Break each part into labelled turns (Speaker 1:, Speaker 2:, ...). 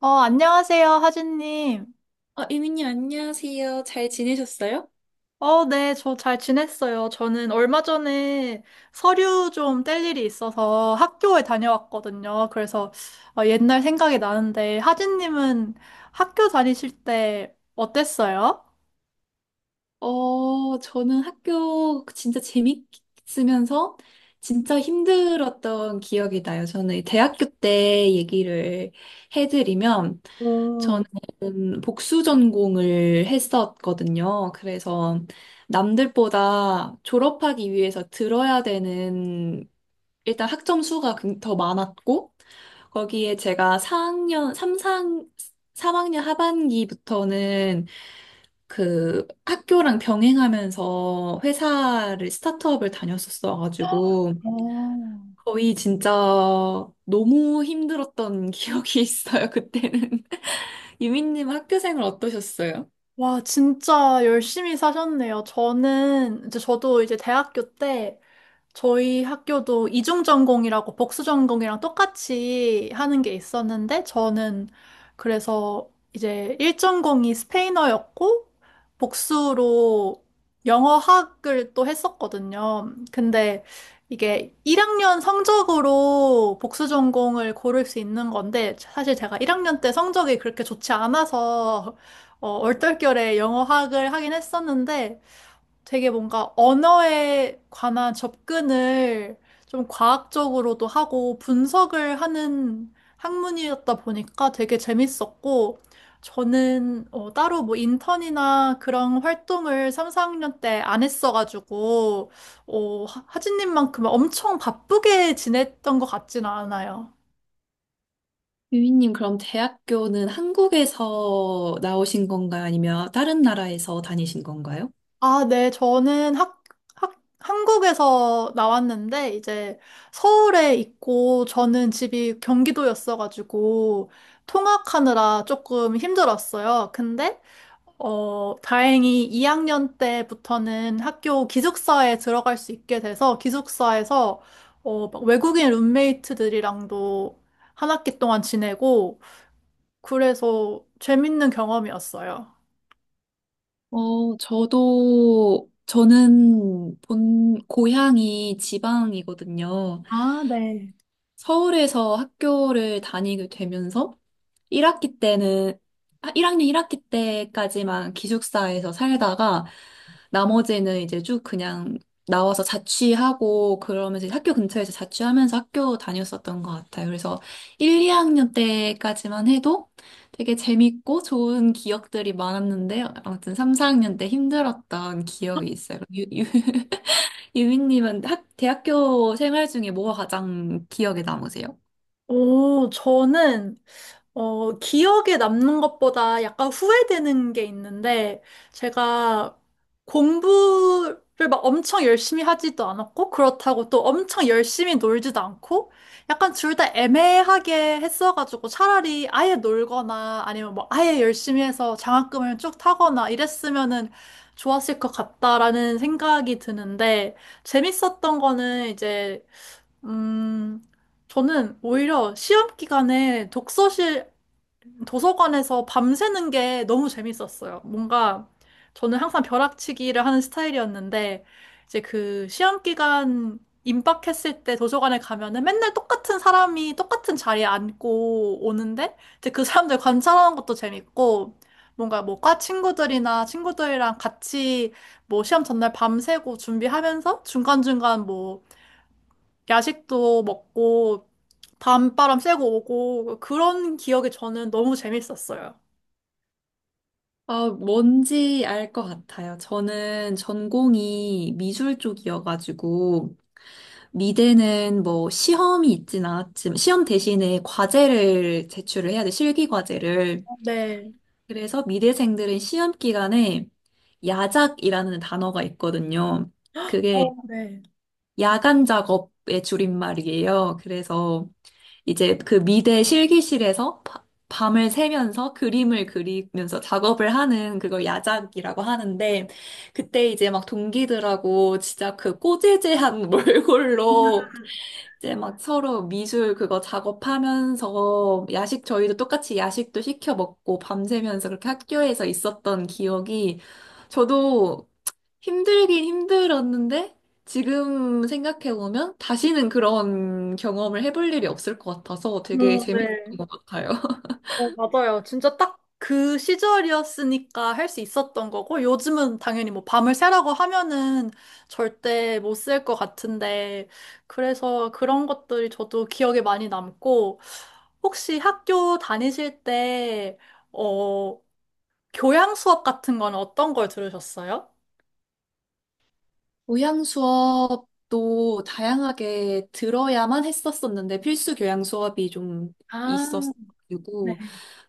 Speaker 1: 안녕하세요, 하진님.
Speaker 2: 아, 이민님, 안녕하세요. 잘 지내셨어요?
Speaker 1: 네, 저 잘 지냈어요. 저는 얼마 전에 서류 좀 뗄 일이 있어서 학교에 다녀왔거든요. 그래서 옛날 생각이 나는데, 하진님은 학교 다니실 때 어땠어요?
Speaker 2: 어, 저는 학교 진짜 재밌으면서 진짜 힘들었던 기억이 나요. 저는 대학교 때 얘기를 해드리면,
Speaker 1: 오,
Speaker 2: 저는 복수 전공을 했었거든요. 그래서 남들보다 졸업하기 위해서 들어야 되는 일단 학점 수가 더 많았고, 거기에 제가 삼학년 하반기부터는 그 학교랑 병행하면서 스타트업을 다녔었어가지고,
Speaker 1: 어,
Speaker 2: 거의 진짜 너무 힘들었던 기억이 있어요, 그때는. 유민님 학교 생활 어떠셨어요?
Speaker 1: 와, 진짜 열심히 사셨네요. 저는, 이제 저도 이제 대학교 때 저희 학교도 이중 전공이라고 복수 전공이랑 똑같이 하는 게 있었는데 저는 그래서 이제 1전공이 스페인어였고 복수로 영어학을 또 했었거든요. 근데 이게 1학년 성적으로 복수 전공을 고를 수 있는 건데 사실 제가 1학년 때 성적이 그렇게 좋지 않아서 얼떨결에 영어학을 하긴 했었는데 되게 뭔가 언어에 관한 접근을 좀 과학적으로도 하고 분석을 하는 학문이었다 보니까 되게 재밌었고, 저는 따로 뭐 인턴이나 그런 활동을 3, 4학년 때 안 했어가지고, 하진님만큼 엄청 바쁘게 지냈던 것 같지는 않아요.
Speaker 2: 유민님, 그럼 대학교는 한국에서 나오신 건가요? 아니면 다른 나라에서 다니신 건가요?
Speaker 1: 아, 네. 저는 학, 한국에서 나왔는데, 이제 서울에 있고, 저는 집이 경기도였어가지고, 통학하느라 조금 힘들었어요. 근데, 다행히 2학년 때부터는 학교 기숙사에 들어갈 수 있게 돼서, 기숙사에서, 막 외국인 룸메이트들이랑도 한 학기 동안 지내고, 그래서 재밌는 경험이었어요.
Speaker 2: 어, 저는 고향이 지방이거든요.
Speaker 1: 아, 네.
Speaker 2: 서울에서 학교를 다니게 되면서 1학기 때는, 아, 1학년 1학기 때까지만 기숙사에서 살다가 나머지는 이제 쭉 그냥 나와서 자취하고 그러면서 이제 학교 근처에서 자취하면서 학교 다녔었던 것 같아요. 그래서 1, 2학년 때까지만 해도 되게 재밌고 좋은 기억들이 많았는데 아무튼 3, 4학년 때 힘들었던 기억이 있어요. 유민님은 대학교 생활 중에 뭐가 가장 기억에 남으세요?
Speaker 1: 오, 저는 기억에 남는 것보다 약간 후회되는 게 있는데, 제가 공부를 막 엄청 열심히 하지도 않았고, 그렇다고 또 엄청 열심히 놀지도 않고, 약간 둘 다 애매하게 했어가지고, 차라리 아예 놀거나, 아니면 뭐 아예 열심히 해서 장학금을 쭉 타거나 이랬으면은 좋았을 것 같다라는 생각이 드는데, 재밌었던 거는 이제, 음, 저는 오히려 시험 기간에 독서실 도서관에서 밤새는 게 너무 재밌었어요. 뭔가 저는 항상 벼락치기를 하는 스타일이었는데 이제 그 시험 기간 임박했을 때 도서관에 가면은 맨날 똑같은 사람이 똑같은 자리에 앉고 오는데 이제 그 사람들 관찰하는 것도 재밌고 뭔가 뭐 과 친구들이나 친구들이랑 같이 뭐 시험 전날 밤새고 준비하면서 중간중간 뭐 야식도 먹고 밤바람 쐬고 오고 그런 기억이 저는 너무 재밌었어요.
Speaker 2: 아, 뭔지 알 것 같아요. 저는 전공이 미술 쪽이어가지고, 미대는 뭐 시험이 있진 않았지만, 시험 대신에 과제를 제출을 해야 돼, 실기 과제를.
Speaker 1: 네.
Speaker 2: 그래서 미대생들은 시험 기간에 야작이라는 단어가 있거든요. 그게
Speaker 1: 어, 네.
Speaker 2: 야간 작업의 줄임말이에요. 그래서 이제 그 미대 실기실에서 밤을 새면서 그림을 그리면서 작업을 하는 그걸 야작이라고 하는데 그때 이제 막 동기들하고 진짜 그 꼬재재한 몰골로 이제 막 서로 미술 그거 작업하면서 야식 저희도 똑같이 야식도 시켜 먹고 밤새면서 그렇게 학교에서 있었던 기억이 저도 힘들긴 힘들었는데 지금 생각해보면 다시는 그런 경험을 해볼 일이 없을 것 같아서 되게 재밌었던
Speaker 1: 네.
Speaker 2: 것 같아요.
Speaker 1: 어, 맞아요. 진짜 딱 그 시절이었으니까 할 수 있었던 거고 요즘은 당연히 뭐 밤을 새라고 하면은 절대 못 셀 것 같은데 그래서 그런 것들이 저도 기억에 많이 남고 혹시 학교 다니실 때 어, 교양 수업 같은 건 어떤 걸 들으셨어요?
Speaker 2: 교양 수업도 다양하게 들어야만 했었었는데 필수 교양 수업이 좀
Speaker 1: 아, 네.
Speaker 2: 있었고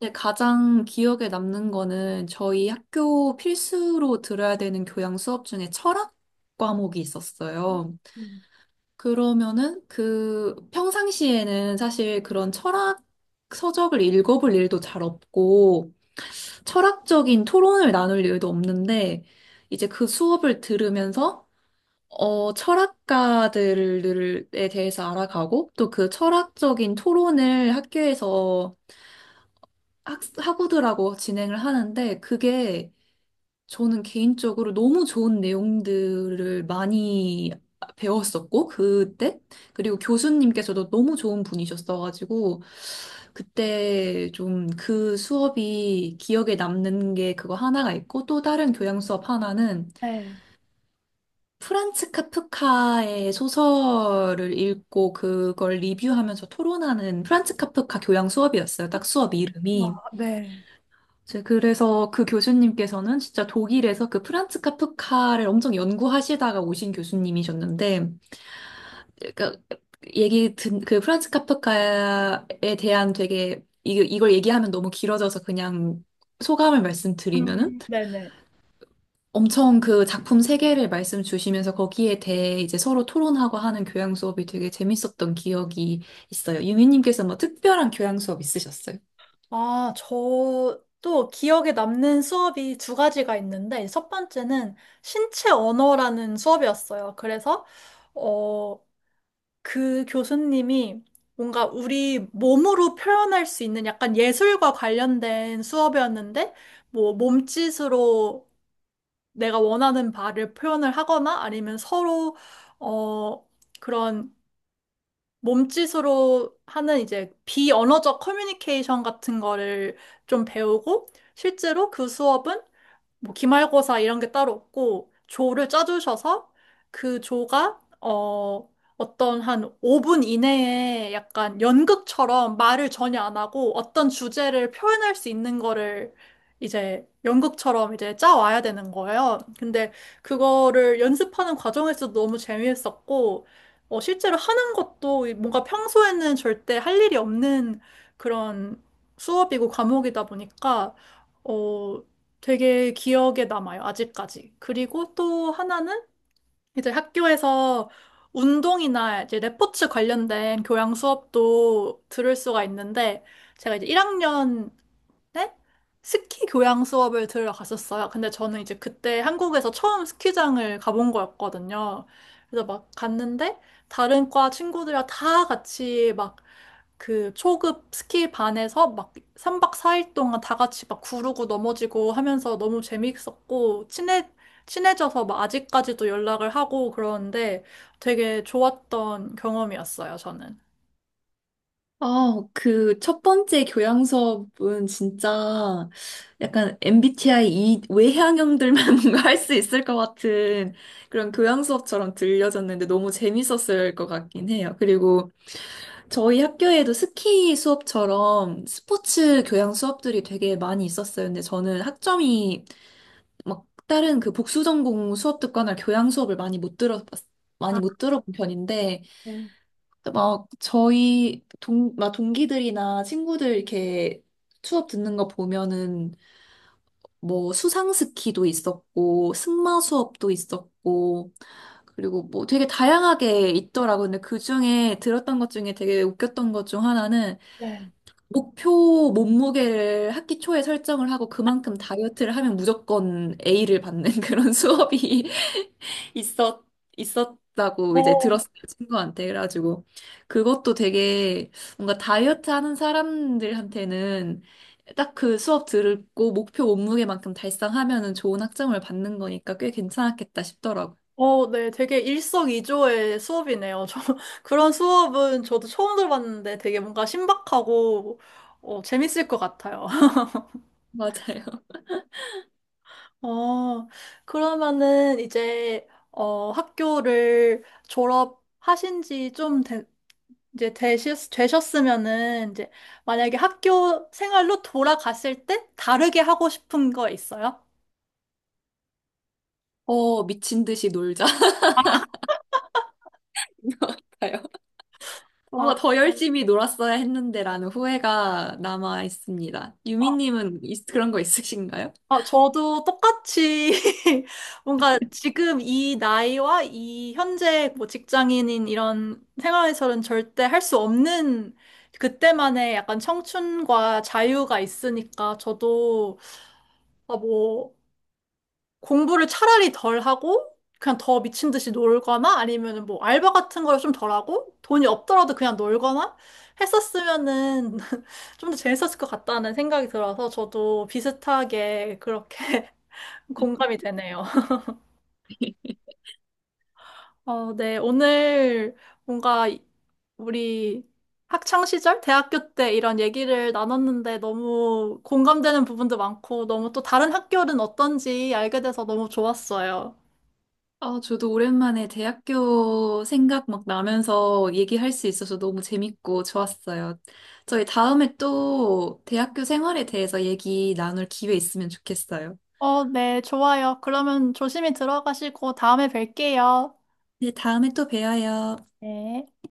Speaker 2: 근데 가장 기억에 남는 거는 저희 학교 필수로 들어야 되는 교양 수업 중에 철학 과목이 있었어요.
Speaker 1: 음.
Speaker 2: 그러면은 그 평상시에는 사실 그런 철학 서적을 읽어볼 일도 잘 없고 철학적인 토론을 나눌 일도 없는데 이제 그 수업을 들으면서 어, 철학가들에 대해서 알아가고 또 그 철학적인 토론을 학교에서 학우들하고 진행을 하는데 그게 저는 개인적으로 너무 좋은 내용들을 많이 배웠었고, 그때? 그리고 교수님께서도 너무 좋은 분이셨어가지고, 그때 좀 그 수업이 기억에 남는 게 그거 하나가 있고, 또 다른 교양 수업 하나는
Speaker 1: 네.
Speaker 2: 프란츠 카프카의 소설을 읽고 그걸 리뷰하면서 토론하는 프란츠 카프카 교양 수업이었어요. 딱 수업
Speaker 1: 와,
Speaker 2: 이름이.
Speaker 1: 네.
Speaker 2: 제 그래서 그 교수님께서는 진짜 독일에서 그 프란츠 카프카를 엄청 연구하시다가 오신 교수님이셨는데, 그러니까 그 프란츠 카프카에 대한 되게, 이걸 얘기하면 너무 길어져서 그냥 소감을 말씀드리면은
Speaker 1: 음. 네네.
Speaker 2: 엄청 그 작품 세계를 말씀 주시면서 거기에 대해 이제 서로 토론하고 하는 교양 수업이 되게 재밌었던 기억이 있어요. 유미님께서 뭐 특별한 교양 수업 있으셨어요?
Speaker 1: 아, 저도 기억에 남는 수업이 두 가지가 있는데, 첫 번째는 신체 언어라는 수업이었어요. 그래서, 어, 그 교수님이 뭔가 우리 몸으로 표현할 수 있는 약간 예술과 관련된 수업이었는데, 뭐, 몸짓으로 내가 원하는 바를 표현을 하거나 아니면 서로, 어, 그런 몸짓으로 하는 이제 비언어적 커뮤니케이션 같은 거를 좀 배우고 실제로 그 수업은 뭐 기말고사 이런 게 따로 없고 조를 짜주셔서 그 조가 어떤 한 5분 이내에 약간 연극처럼 말을 전혀 안 하고 어떤 주제를 표현할 수 있는 거를 이제 연극처럼 이제 짜와야 되는 거예요. 근데 그거를 연습하는 과정에서도 너무 재미있었고 실제로 하는 것도 뭔가 평소에는 절대 할 일이 없는 그런 수업이고 과목이다 보니까 어, 되게 기억에 남아요, 아직까지. 그리고 또 하나는 이제 학교에서 운동이나 이제 레포츠 관련된 교양 수업도 들을 수가 있는데, 제가 이제 1학년에 스키 교양 수업을 들으러 갔었어요. 근데 저는 이제 그때 한국에서 처음 스키장을 가본 거였거든요. 그래서 막 갔는데, 다른 과 친구들이랑 다 같이 막 그 초급 스키 반에서 막 3박 4일 동안 다 같이 막 구르고 넘어지고 하면서 너무 재밌었고 친해져서 막 아직까지도 연락을 하고 그러는데 되게 좋았던 경험이었어요, 저는.
Speaker 2: 아, 그 첫 번째 교양 수업은 진짜 약간 MBTI 이 외향형들만 뭔가 할 수 있을 것 같은 그런 교양 수업처럼 들려졌는데 너무 재밌었을 것 같긴 해요. 그리고 저희 학교에도 스키 수업처럼 스포츠 교양 수업들이 되게 많이 있었어요. 근데 저는 학점이 막 다른 그 복수 전공 수업 듣거나 교양 수업을 많이 못 들어 많이 못 들어본 편인데 막 막 동기들이나 친구들 이렇게 수업 듣는 거 보면은 뭐 수상 스키도 있었고 승마 수업도 있었고 그리고 뭐 되게 다양하게 있더라고요. 근데 그 중에 들었던 것 중에 되게 웃겼던 것 중 하나는
Speaker 1: 네.
Speaker 2: 목표 몸무게를 학기 초에 설정을 하고 그만큼 다이어트를 하면 무조건 A를 받는 그런 수업이 있었, 있었다고 이제
Speaker 1: 어,
Speaker 2: 들었어요, 친구한테. 그래가지고 그것도 되게 뭔가 다이어트 하는 사람들한테는 딱 그 수업 들고 목표 몸무게만큼 달성하면은 좋은 학점을 받는 거니까 꽤 괜찮았겠다 싶더라고요.
Speaker 1: 네, 되게 일석이조의 수업이네요. 저 그런 수업은 저도 처음 들어봤는데 되게 뭔가 신박하고 재밌을 것 같아요.
Speaker 2: 맞아요.
Speaker 1: 어, 그러면은 이제, 학교를 졸업하신 지 좀 이제 되셨으면은 이제 만약에 학교 생활로 돌아갔을 때 다르게 하고 싶은 거 있어요?
Speaker 2: 어, 미친 듯이 놀자. 같아요.
Speaker 1: 아,
Speaker 2: 어, 더 열심히 놀았어야 했는데라는 후회가 남아 있습니다. 유미님은 그런 거 있으신가요?
Speaker 1: 아, 저도 똑같이 뭔가 지금 이 나이와 이 현재 뭐 직장인인 이런 생활에서는 절대 할 수 없는 그때만의 약간 청춘과 자유가 있으니까 저도 아, 뭐, 공부를 차라리 덜 하고, 그냥 더 미친 듯이 놀거나, 아니면은 뭐, 알바 같은 걸 좀 덜 하고, 돈이 없더라도 그냥 놀거나 했었으면은 좀 더 재밌었을 것 같다는 생각이 들어서 저도 비슷하게 그렇게 공감이 되네요. 어, 네. 오늘 뭔가 우리 학창 시절, 대학교 때 이런 얘기를 나눴는데 너무 공감되는 부분도 많고, 너무 또 다른 학교는 어떤지 알게 돼서 너무 좋았어요.
Speaker 2: 아, 저도 오랜만에 대학교 생각 막 나면서 얘기할 수 있어서 너무 재밌고 좋았어요. 저희 다음에 또 대학교 생활에 대해서 얘기 나눌 기회 있으면 좋겠어요.
Speaker 1: 네, 좋아요. 그러면 조심히 들어가시고 다음에 뵐게요.
Speaker 2: 네, 다음에 또 봬요.
Speaker 1: 네.